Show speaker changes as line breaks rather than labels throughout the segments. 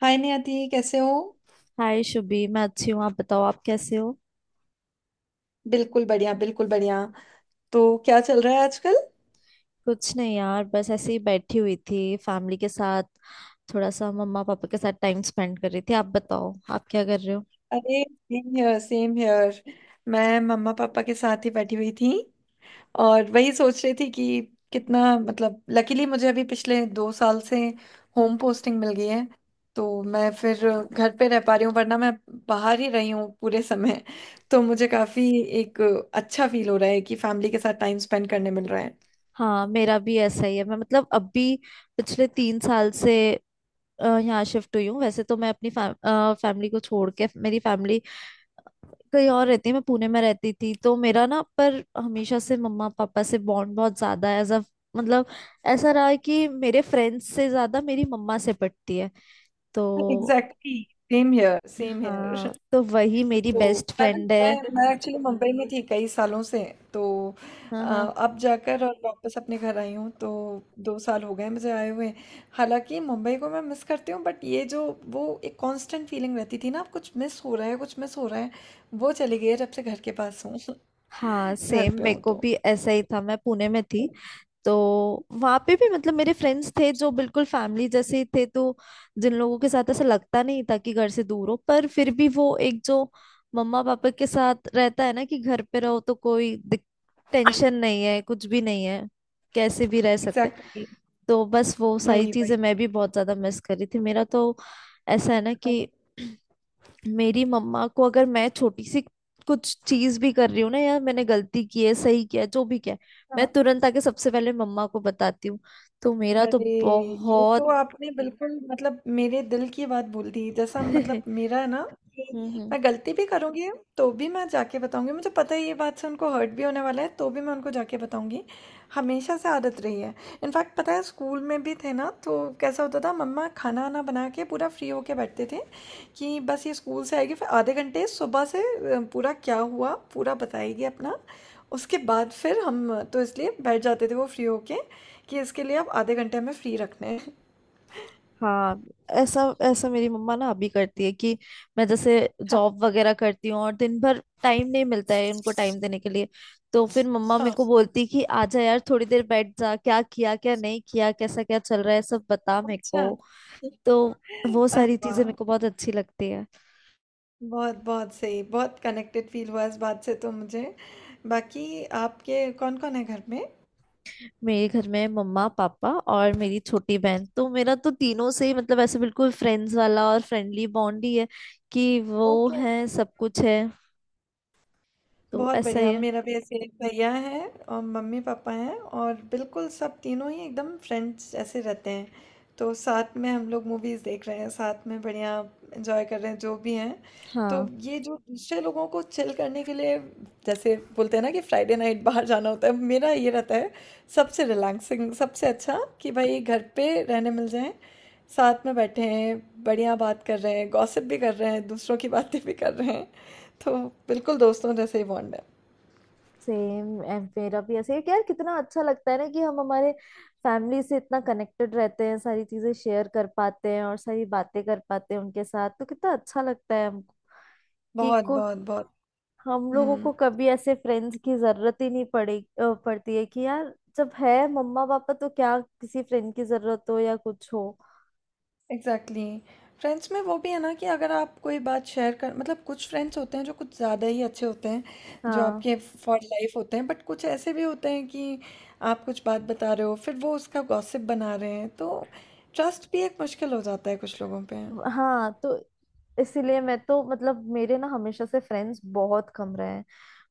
हाय नियति, कैसे हो।
हाय शुभी। मैं अच्छी हूँ। आप बताओ, आप कैसे हो?
बिल्कुल बढ़िया, बिल्कुल बढ़िया। तो क्या चल रहा है आजकल।
कुछ नहीं यार, बस ऐसे ही बैठी हुई थी फैमिली के साथ। थोड़ा सा मम्मा पापा के साथ टाइम स्पेंड कर रही थी। आप बताओ, आप क्या कर रहे हो?
अरे सेम हियर, सेम हियर। मैं मम्मा पापा के साथ ही बैठी हुई थी और वही सोच रही थी कि कितना मतलब लकीली मुझे अभी पिछले 2 साल से
हम्म।
होम पोस्टिंग मिल गई है। तो मैं फिर घर पे रह पा रही हूँ, वरना मैं बाहर ही रही हूँ पूरे समय। तो मुझे काफी एक अच्छा फील हो रहा है कि फैमिली के साथ टाइम स्पेंड करने मिल रहा है।
हाँ, मेरा भी ऐसा ही है। मैं मतलब अभी पिछले 3 साल से यहाँ शिफ्ट हुई हूँ। वैसे तो मैं अपनी फैमिली को छोड़ के, मेरी फैमिली कहीं और रहती है। मैं पुणे में रहती थी, तो मेरा ना, पर हमेशा से मम्मा पापा से बॉन्ड बहुत ज्यादा है। एज अ मतलब ऐसा रहा है कि मेरे फ्रेंड्स से ज्यादा मेरी मम्मा से पटती है। तो
exactly, same here, same here.
हाँ, तो वही मेरी
तो
बेस्ट
मैं भी
फ्रेंड
मैं
है।
मैं एक्चुअली मुंबई में थी कई सालों से। तो
हाँ, हाँ।
अब जाकर और वापस अपने घर आई हूँ, तो 2 साल हो गए मुझे आए हुए। हालांकि मुंबई को मैं मिस करती हूँ, बट ये जो वो एक कांस्टेंट फीलिंग रहती थी ना आप, कुछ मिस हो रहा है, कुछ मिस हो रहा है, वो चली गई है जब से घर के पास हूँ।
हाँ,
घर
सेम।
पे
मेरे
हूँ
को
तो
भी ऐसा ही था, मैं पुणे में थी। तो वहाँ पे भी मतलब मेरे फ्रेंड्स थे जो बिल्कुल फैमिली जैसे ही थे। तो जिन लोगों के साथ ऐसा लगता नहीं था कि घर से दूर हो, पर फिर भी वो एक जो मम्मा पापा के साथ रहता है ना, कि घर पे रहो तो कोई टेंशन नहीं है, कुछ भी नहीं है, कैसे भी रह सकते हैं।
Exactly, exactly।
तो बस वो सारी
वही,
चीजें
वही।
मैं भी बहुत ज्यादा मिस कर रही थी। मेरा तो ऐसा है ना कि मेरी मम्मा को, अगर मैं छोटी सी कुछ चीज भी कर रही हूँ ना यार, मैंने गलती की है, सही किया है, जो भी किया है, मैं
हाँ।
तुरंत आके सबसे पहले मम्मा को बताती हूँ। तो मेरा तो
अरे! ये तो
बहुत।
आपने बिल्कुल मतलब मेरे दिल की बात बोल दी। जैसा मतलब मेरा है ना
हम्म,
कि
हम्म।
मैं गलती भी करूँगी तो भी मैं जाके बताऊँगी। मुझे पता है ये बात से उनको हर्ट भी होने वाला है, तो भी मैं उनको जाके बताऊँगी। हमेशा से आदत रही है। इनफैक्ट पता है स्कूल में भी थे ना, तो कैसा होता था, मम्मा खाना-वाना बना के पूरा फ्री होके बैठते थे कि बस ये स्कूल से आएगी फिर आधे घंटे सुबह से पूरा क्या हुआ पूरा बताएगी अपना। उसके बाद फिर हम तो इसलिए बैठ जाते थे वो फ्री होके कि इसके लिए अब आधे घंटे हमें फ्री रखने हैं।
हाँ। ऐसा ऐसा मेरी मम्मा ना अभी करती है कि मैं जैसे
हाँ,
जॉब वगैरह करती हूँ और दिन भर टाइम नहीं मिलता है उनको टाइम देने के लिए। तो फिर मम्मा मेरे
हाँ,
को बोलती है कि आजा यार, थोड़ी देर बैठ जा, क्या किया क्या नहीं किया, कैसा क्या चल रहा है, सब बता मेरे
अच्छा।
को। तो वो सारी
अरे
चीजें मेरे
वाह!
को बहुत अच्छी लगती है।
बहुत, बहुत सही, बहुत कनेक्टेड फील हुआ इस बात से तो मुझे। बाकी आपके कौन-कौन है घर में?
मेरे घर में मम्मा पापा और मेरी छोटी बहन। तो मेरा तो तीनों से ही मतलब ऐसे बिल्कुल फ्रेंड्स वाला और फ्रेंडली बॉन्ड ही है कि वो
ओके,
है सब कुछ है। तो
बहुत
ऐसा ही
बढ़िया।
है।
मेरा भी ऐसे एक भैया है और मम्मी-पापा हैं और बिल्कुल सब तीनों ही एकदम फ्रेंड्स जैसे रहते हैं। तो साथ में हम लोग मूवीज़ देख रहे हैं, साथ में बढ़िया एन्जॉय कर रहे हैं जो भी हैं। तो
हाँ,
ये जो दूसरे लोगों को चिल करने के लिए जैसे बोलते हैं ना कि फ्राइडे नाइट बाहर जाना होता है, मेरा ये रहता है सबसे रिलैक्सिंग, सबसे अच्छा कि भाई घर पे रहने मिल जाएं, साथ में बैठे हैं, बढ़िया बात कर रहे हैं, गॉसिप भी कर रहे हैं, दूसरों की बातें भी कर रहे हैं। तो बिल्कुल दोस्तों जैसे ही बॉन्ड है।
सेम। मेरा भी ऐसे ही है कि यार कितना अच्छा लगता है ना कि हम हमारे फैमिली से इतना कनेक्टेड रहते हैं, सारी चीजें शेयर कर पाते हैं और सारी बातें कर पाते हैं उनके साथ, तो कितना अच्छा लगता है हमको। कि
बहुत,
को
बहुत, बहुत।
हम लोगों
हम्म।
को कभी ऐसे फ्रेंड्स की जरूरत ही नहीं पड़ती है कि यार, जब है मम्मा पापा तो क्या किसी फ्रेंड की जरूरत हो या कुछ हो।
Exactly, exactly। फ्रेंड्स में वो भी है ना कि अगर आप कोई बात शेयर कर, मतलब कुछ फ्रेंड्स होते हैं जो कुछ ज़्यादा ही अच्छे होते हैं, जो
हाँ,
आपके फॉर लाइफ होते हैं, बट कुछ ऐसे भी होते हैं कि आप कुछ बात बता रहे हो फिर वो उसका गॉसिप बना रहे हैं, तो ट्रस्ट भी एक मुश्किल हो जाता है कुछ लोगों पे।
हाँ। तो इसीलिए मैं तो मतलब मेरे ना हमेशा से फ्रेंड्स बहुत कम रहे हैं,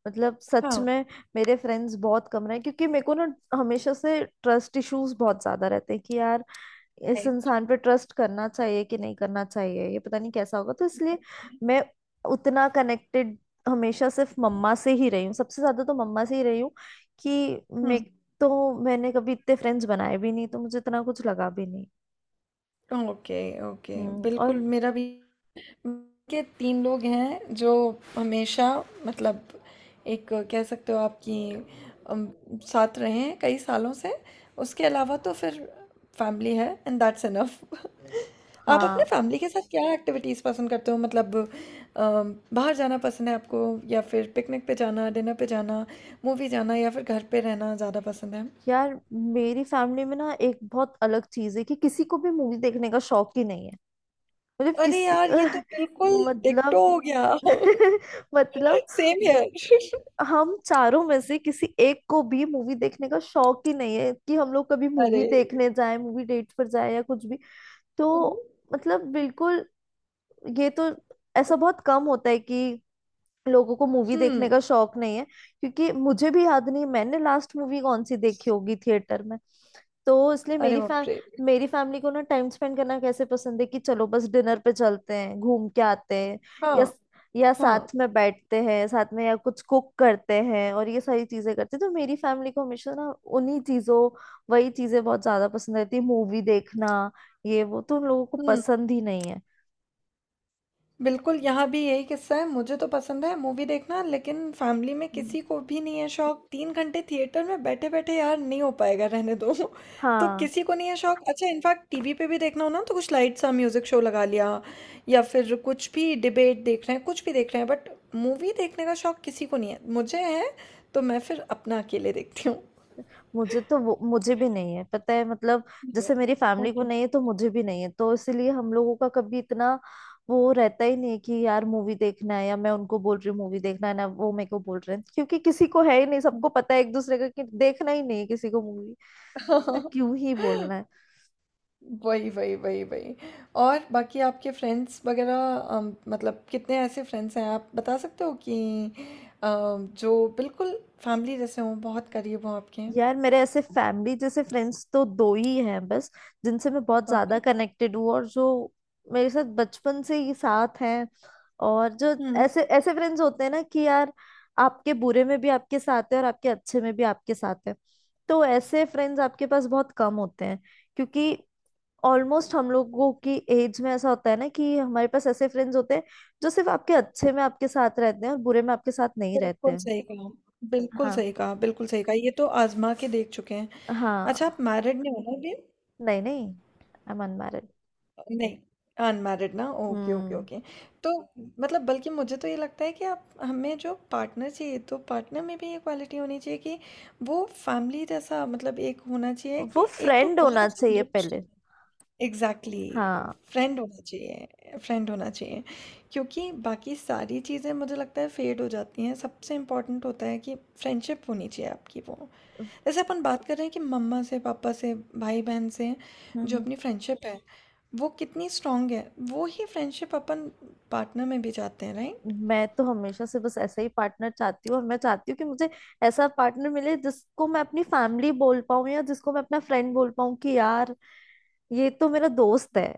मतलब सच
हाँ,
में। मेरे फ्रेंड्स बहुत कम रहे हैं क्योंकि मेरे को ना हमेशा से ट्रस्ट इश्यूज बहुत ज्यादा रहते हैं कि यार, इस
राइट।
इंसान पे ट्रस्ट करना चाहिए कि नहीं करना चाहिए, ये पता नहीं कैसा होगा, तो इसलिए मैं उतना कनेक्टेड हमेशा सिर्फ मम्मा से ही रही हूँ, सबसे ज्यादा तो मम्मा से ही रही हूँ। कि मैं
हम्म।
तो मैंने कभी इतने फ्रेंड्स बनाए भी नहीं, तो मुझे इतना कुछ लगा भी नहीं।
Okay, okay.
हम्म। और
बिल्कुल, मेरा भी के तीन लोग हैं जो हमेशा मतलब एक कह सकते हो आपकी अम, साथ रहे हैं कई सालों से। उसके अलावा तो फिर फैमिली है एंड दैट्स इनफ। आप अपने
हाँ
फैमिली के साथ क्या एक्टिविटीज़ पसंद करते हो, मतलब बाहर जाना पसंद है आपको, या फिर पिकनिक पे जाना, डिनर पे जाना, मूवी जाना, या फिर घर पे रहना ज़्यादा पसंद है?
यार, मेरी फैमिली में ना एक बहुत अलग चीज है कि किसी को भी मूवी देखने का शौक ही नहीं है। मतलब
अरे
किसी।
यार, ये तो बिल्कुल डिक्टो
मतलब।
हो गया।
मतलब
सेम हियर।
हम चारों में से किसी एक को भी मूवी देखने का शौक ही नहीं है कि हम लोग कभी मूवी
अरे।
देखने जाए, मूवी डेट पर जाए, या कुछ भी।
हम्म,
तो मतलब बिल्कुल, ये तो ऐसा बहुत कम होता है कि लोगों को मूवी देखने
हम्म।
का शौक नहीं है, क्योंकि मुझे भी याद नहीं मैंने लास्ट मूवी कौन सी देखी होगी थिएटर में। तो इसलिए
अरे बाप रे।
मेरी फैमिली को ना, टाइम स्पेंड करना कैसे पसंद है कि चलो बस डिनर पे चलते हैं, घूम के आते हैं, या
हाँ,
या
हाँ।
साथ में बैठते हैं, साथ में या कुछ कुक करते हैं और ये सारी चीजें करते हैं। तो मेरी फैमिली को हमेशा ना उन्हीं चीजों वही चीजें बहुत ज्यादा पसंद रहती है। मूवी देखना ये वो तो उन लोगों को
हम्म।
पसंद ही नहीं है।
बिल्कुल, यहाँ भी यही किस्सा है, मुझे तो पसंद है मूवी देखना, लेकिन फैमिली में
हम्म।
किसी को भी नहीं है शौक। 3 घंटे थिएटर में बैठे बैठे, यार नहीं हो पाएगा, रहने दो। तो
हाँ,
किसी को नहीं है शौक। अच्छा, इनफैक्ट टीवी पे भी देखना हो ना, तो कुछ लाइट सा म्यूजिक शो लगा लिया, या फिर कुछ भी डिबेट देख रहे हैं, कुछ भी देख रहे हैं, बट मूवी देखने का शौक किसी को नहीं है। मुझे है, तो मैं फिर अपना अकेले देखती हूँ।
मुझे तो वो मुझे भी नहीं है, पता है। मतलब जैसे मेरी फैमिली को नहीं है तो मुझे भी नहीं है, तो इसलिए हम लोगों का कभी इतना वो रहता ही नहीं है कि यार मूवी देखना है, या मैं उनको बोल रही हूँ मूवी देखना है, ना वो मेरे को बोल रहे हैं, क्योंकि किसी को है ही नहीं, सबको पता है एक दूसरे का कि देखना ही नहीं है किसी को मूवी, तो
ओके।
क्यों ही बोलना है।
वही, वही, वही, वही। और बाकी आपके फ्रेंड्स वगैरह, मतलब कितने ऐसे फ्रेंड्स हैं आप बता सकते हो कि जो बिल्कुल फैमिली जैसे हों, बहुत करीब हों आपके।
यार मेरे ऐसे फैमिली जैसे फ्रेंड्स तो दो ही हैं बस, जिनसे मैं बहुत ज्यादा
ओके।
कनेक्टेड हूँ और जो मेरे साथ बचपन से ही साथ हैं। और जो
हुँ।
ऐसे ऐसे फ्रेंड्स होते हैं ना कि यार, आपके बुरे में भी आपके साथ है और आपके अच्छे में भी आपके साथ है। तो ऐसे फ्रेंड्स आपके पास बहुत कम होते हैं, क्योंकि ऑलमोस्ट हम लोगों की एज में ऐसा होता है ना कि हमारे पास ऐसे फ्रेंड्स होते हैं जो सिर्फ आपके अच्छे में आपके साथ रहते हैं और बुरे में आपके साथ नहीं रहते
बिल्कुल
हैं।
सही कहा, बिल्कुल
हाँ,
सही कहा, बिल्कुल सही कहा, ये तो आजमा के देख चुके हैं।
हाँ।
अच्छा, आप मैरिड नहीं हो ना अभी?
नहीं, नहीं, आई एम अनमैरिड।
नहीं, अनमैरिड ना, ओके, ओके,
हम्म।
ओके। तो मतलब बल्कि मुझे तो ये लगता है कि आप, हमें जो पार्टनर चाहिए तो पार्टनर में भी ये क्वालिटी होनी चाहिए कि वो फैमिली जैसा, मतलब एक होना चाहिए
वो
कि एक तो
फ्रेंड
बहुत
होना
अच्छा
चाहिए
दोस्त
पहले।
होना। एग्जैक्टली।
हाँ।
फ्रेंड होना चाहिए, फ्रेंड होना चाहिए, क्योंकि बाकी सारी चीज़ें मुझे लगता है फेड हो जाती हैं, सबसे इम्पोर्टेंट होता है कि फ्रेंडशिप होनी चाहिए आपकी। वो जैसे अपन बात कर रहे हैं कि मम्मा से, पापा से, भाई बहन से जो
हम्म।
अपनी फ्रेंडशिप है वो कितनी स्ट्रांग है, वो ही फ्रेंडशिप अपन पार्टनर में भी चाहते हैं, राइट।
मैं तो हमेशा से बस ऐसा ही पार्टनर चाहती हूँ, और मैं चाहती हूँ कि मुझे ऐसा पार्टनर मिले जिसको मैं अपनी फैमिली बोल पाऊँ या जिसको मैं अपना फ्रेंड बोल पाऊँ कि यार, ये तो मेरा दोस्त है,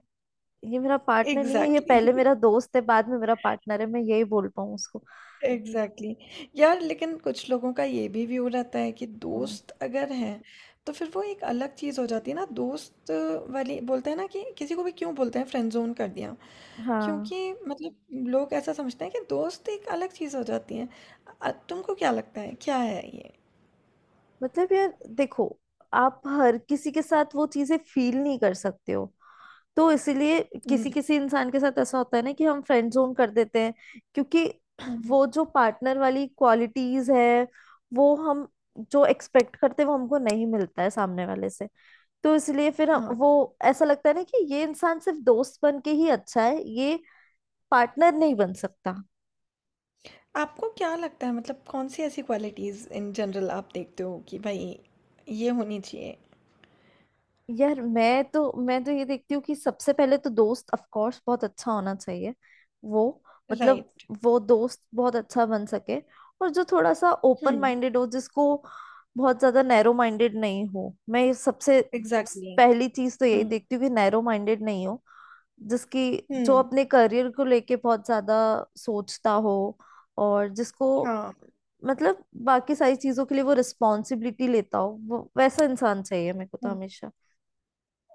ये मेरा पार्टनर नहीं है, ये पहले
एग्जैक्टली।
मेरा दोस्त है बाद में मेरा पार्टनर है, मैं यही बोल पाऊँ उसको।
एग्जैक्टली। यार, लेकिन कुछ लोगों का ये भी व्यू रहता है कि
हम्म।
दोस्त अगर हैं तो फिर वो एक अलग चीज़ हो जाती है ना, दोस्त वाली बोलते हैं ना कि किसी को भी क्यों बोलते हैं फ्रेंड जोन कर दिया,
हाँ,
क्योंकि मतलब लोग ऐसा समझते हैं कि दोस्त एक अलग चीज़ हो जाती है। तुमको क्या लगता है, क्या है ये?
मतलब यार देखो, आप हर किसी के साथ वो चीजें फील नहीं कर सकते हो, तो इसीलिए
हम्म।
किसी किसी इंसान के साथ ऐसा होता है ना कि हम फ्रेंड जोन कर देते हैं। क्योंकि
हम्म।
वो जो पार्टनर वाली क्वालिटीज है, वो हम जो एक्सपेक्ट करते हैं, वो हमको नहीं मिलता है सामने वाले से। तो इसलिए फिर हम
हाँ।
वो ऐसा लगता है ना कि ये इंसान सिर्फ दोस्त बन के ही अच्छा है, ये पार्टनर नहीं बन सकता।
आपको क्या लगता है, मतलब कौन-सी ऐसी क्वालिटीज़ इन जनरल आप देखते हो कि भई ये होनी चाहिए?
यार मैं तो ये देखती हूँ कि सबसे पहले तो दोस्त ऑफ कोर्स बहुत अच्छा होना चाहिए। वो मतलब
राइट।
वो दोस्त बहुत अच्छा बन सके, और जो थोड़ा सा
हुँ।
ओपन माइंडेड हो, जिसको बहुत ज्यादा नैरो माइंडेड नहीं हो। मैं ये सबसे
एग्ज़ैक्टली।
पहली चीज तो यही
हुँ।
देखती हूँ कि नैरो माइंडेड नहीं हो, जिसकी जो
हुँ।
अपने करियर को लेके बहुत ज्यादा सोचता हो, और जिसको
हाँ।
मतलब बाकी सारी चीजों के लिए वो रिस्पॉन्सिबिलिटी लेता हो, वो वैसा इंसान चाहिए मेरे को तो
हाँ।
हमेशा।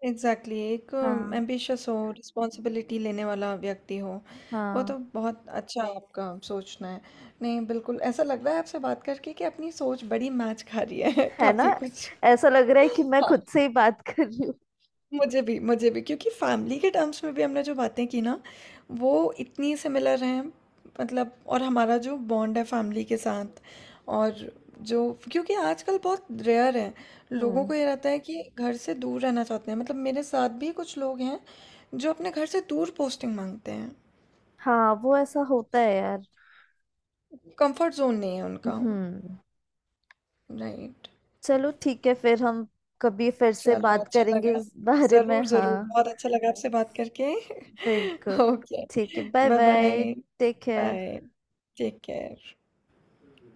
एग्ज़ैक्टली, एक
हाँ,
एम्बिशियस हो, रिस्पॉन्सिबिलिटी लेने वाला व्यक्ति हो, वो
हाँ।
तो बहुत अच्छा आपका सोचना है। नहीं बिल्कुल, ऐसा लग रहा है आपसे बात करके कि अपनी सोच बड़ी मैच खा रही है,
है ना,
काफ़ी कुछ।
ऐसा लग रहा है कि मैं खुद से ही बात कर रही हूँ।
मुझे भी, मुझे भी, क्योंकि फैमिली के टर्म्स में भी हमने जो बातें की ना वो इतनी सिमिलर हैं, मतलब, और हमारा जो बॉन्ड है फैमिली के साथ, और जो, क्योंकि आजकल बहुत रेयर है, लोगों
हम्म।
को ये रहता है कि घर से दूर रहना चाहते हैं। मतलब मेरे साथ भी कुछ लोग हैं जो अपने घर से दूर पोस्टिंग मांगते हैं,
हाँ वो ऐसा होता है यार।
कंफर्ट जोन नहीं है उनका।
हम्म।
राइट।
चलो ठीक है, फिर हम कभी फिर से
चलो,
बात
अच्छा
करेंगे
लगा।
इस बारे में।
ज़रूर, ज़रूर,
हाँ,
बहुत अच्छा लगा आपसे बात करके।
बिल्कुल।
ओके,
ठीक है, bye
bye bye.
Bye.
Bye,
take care.
Bye, take care.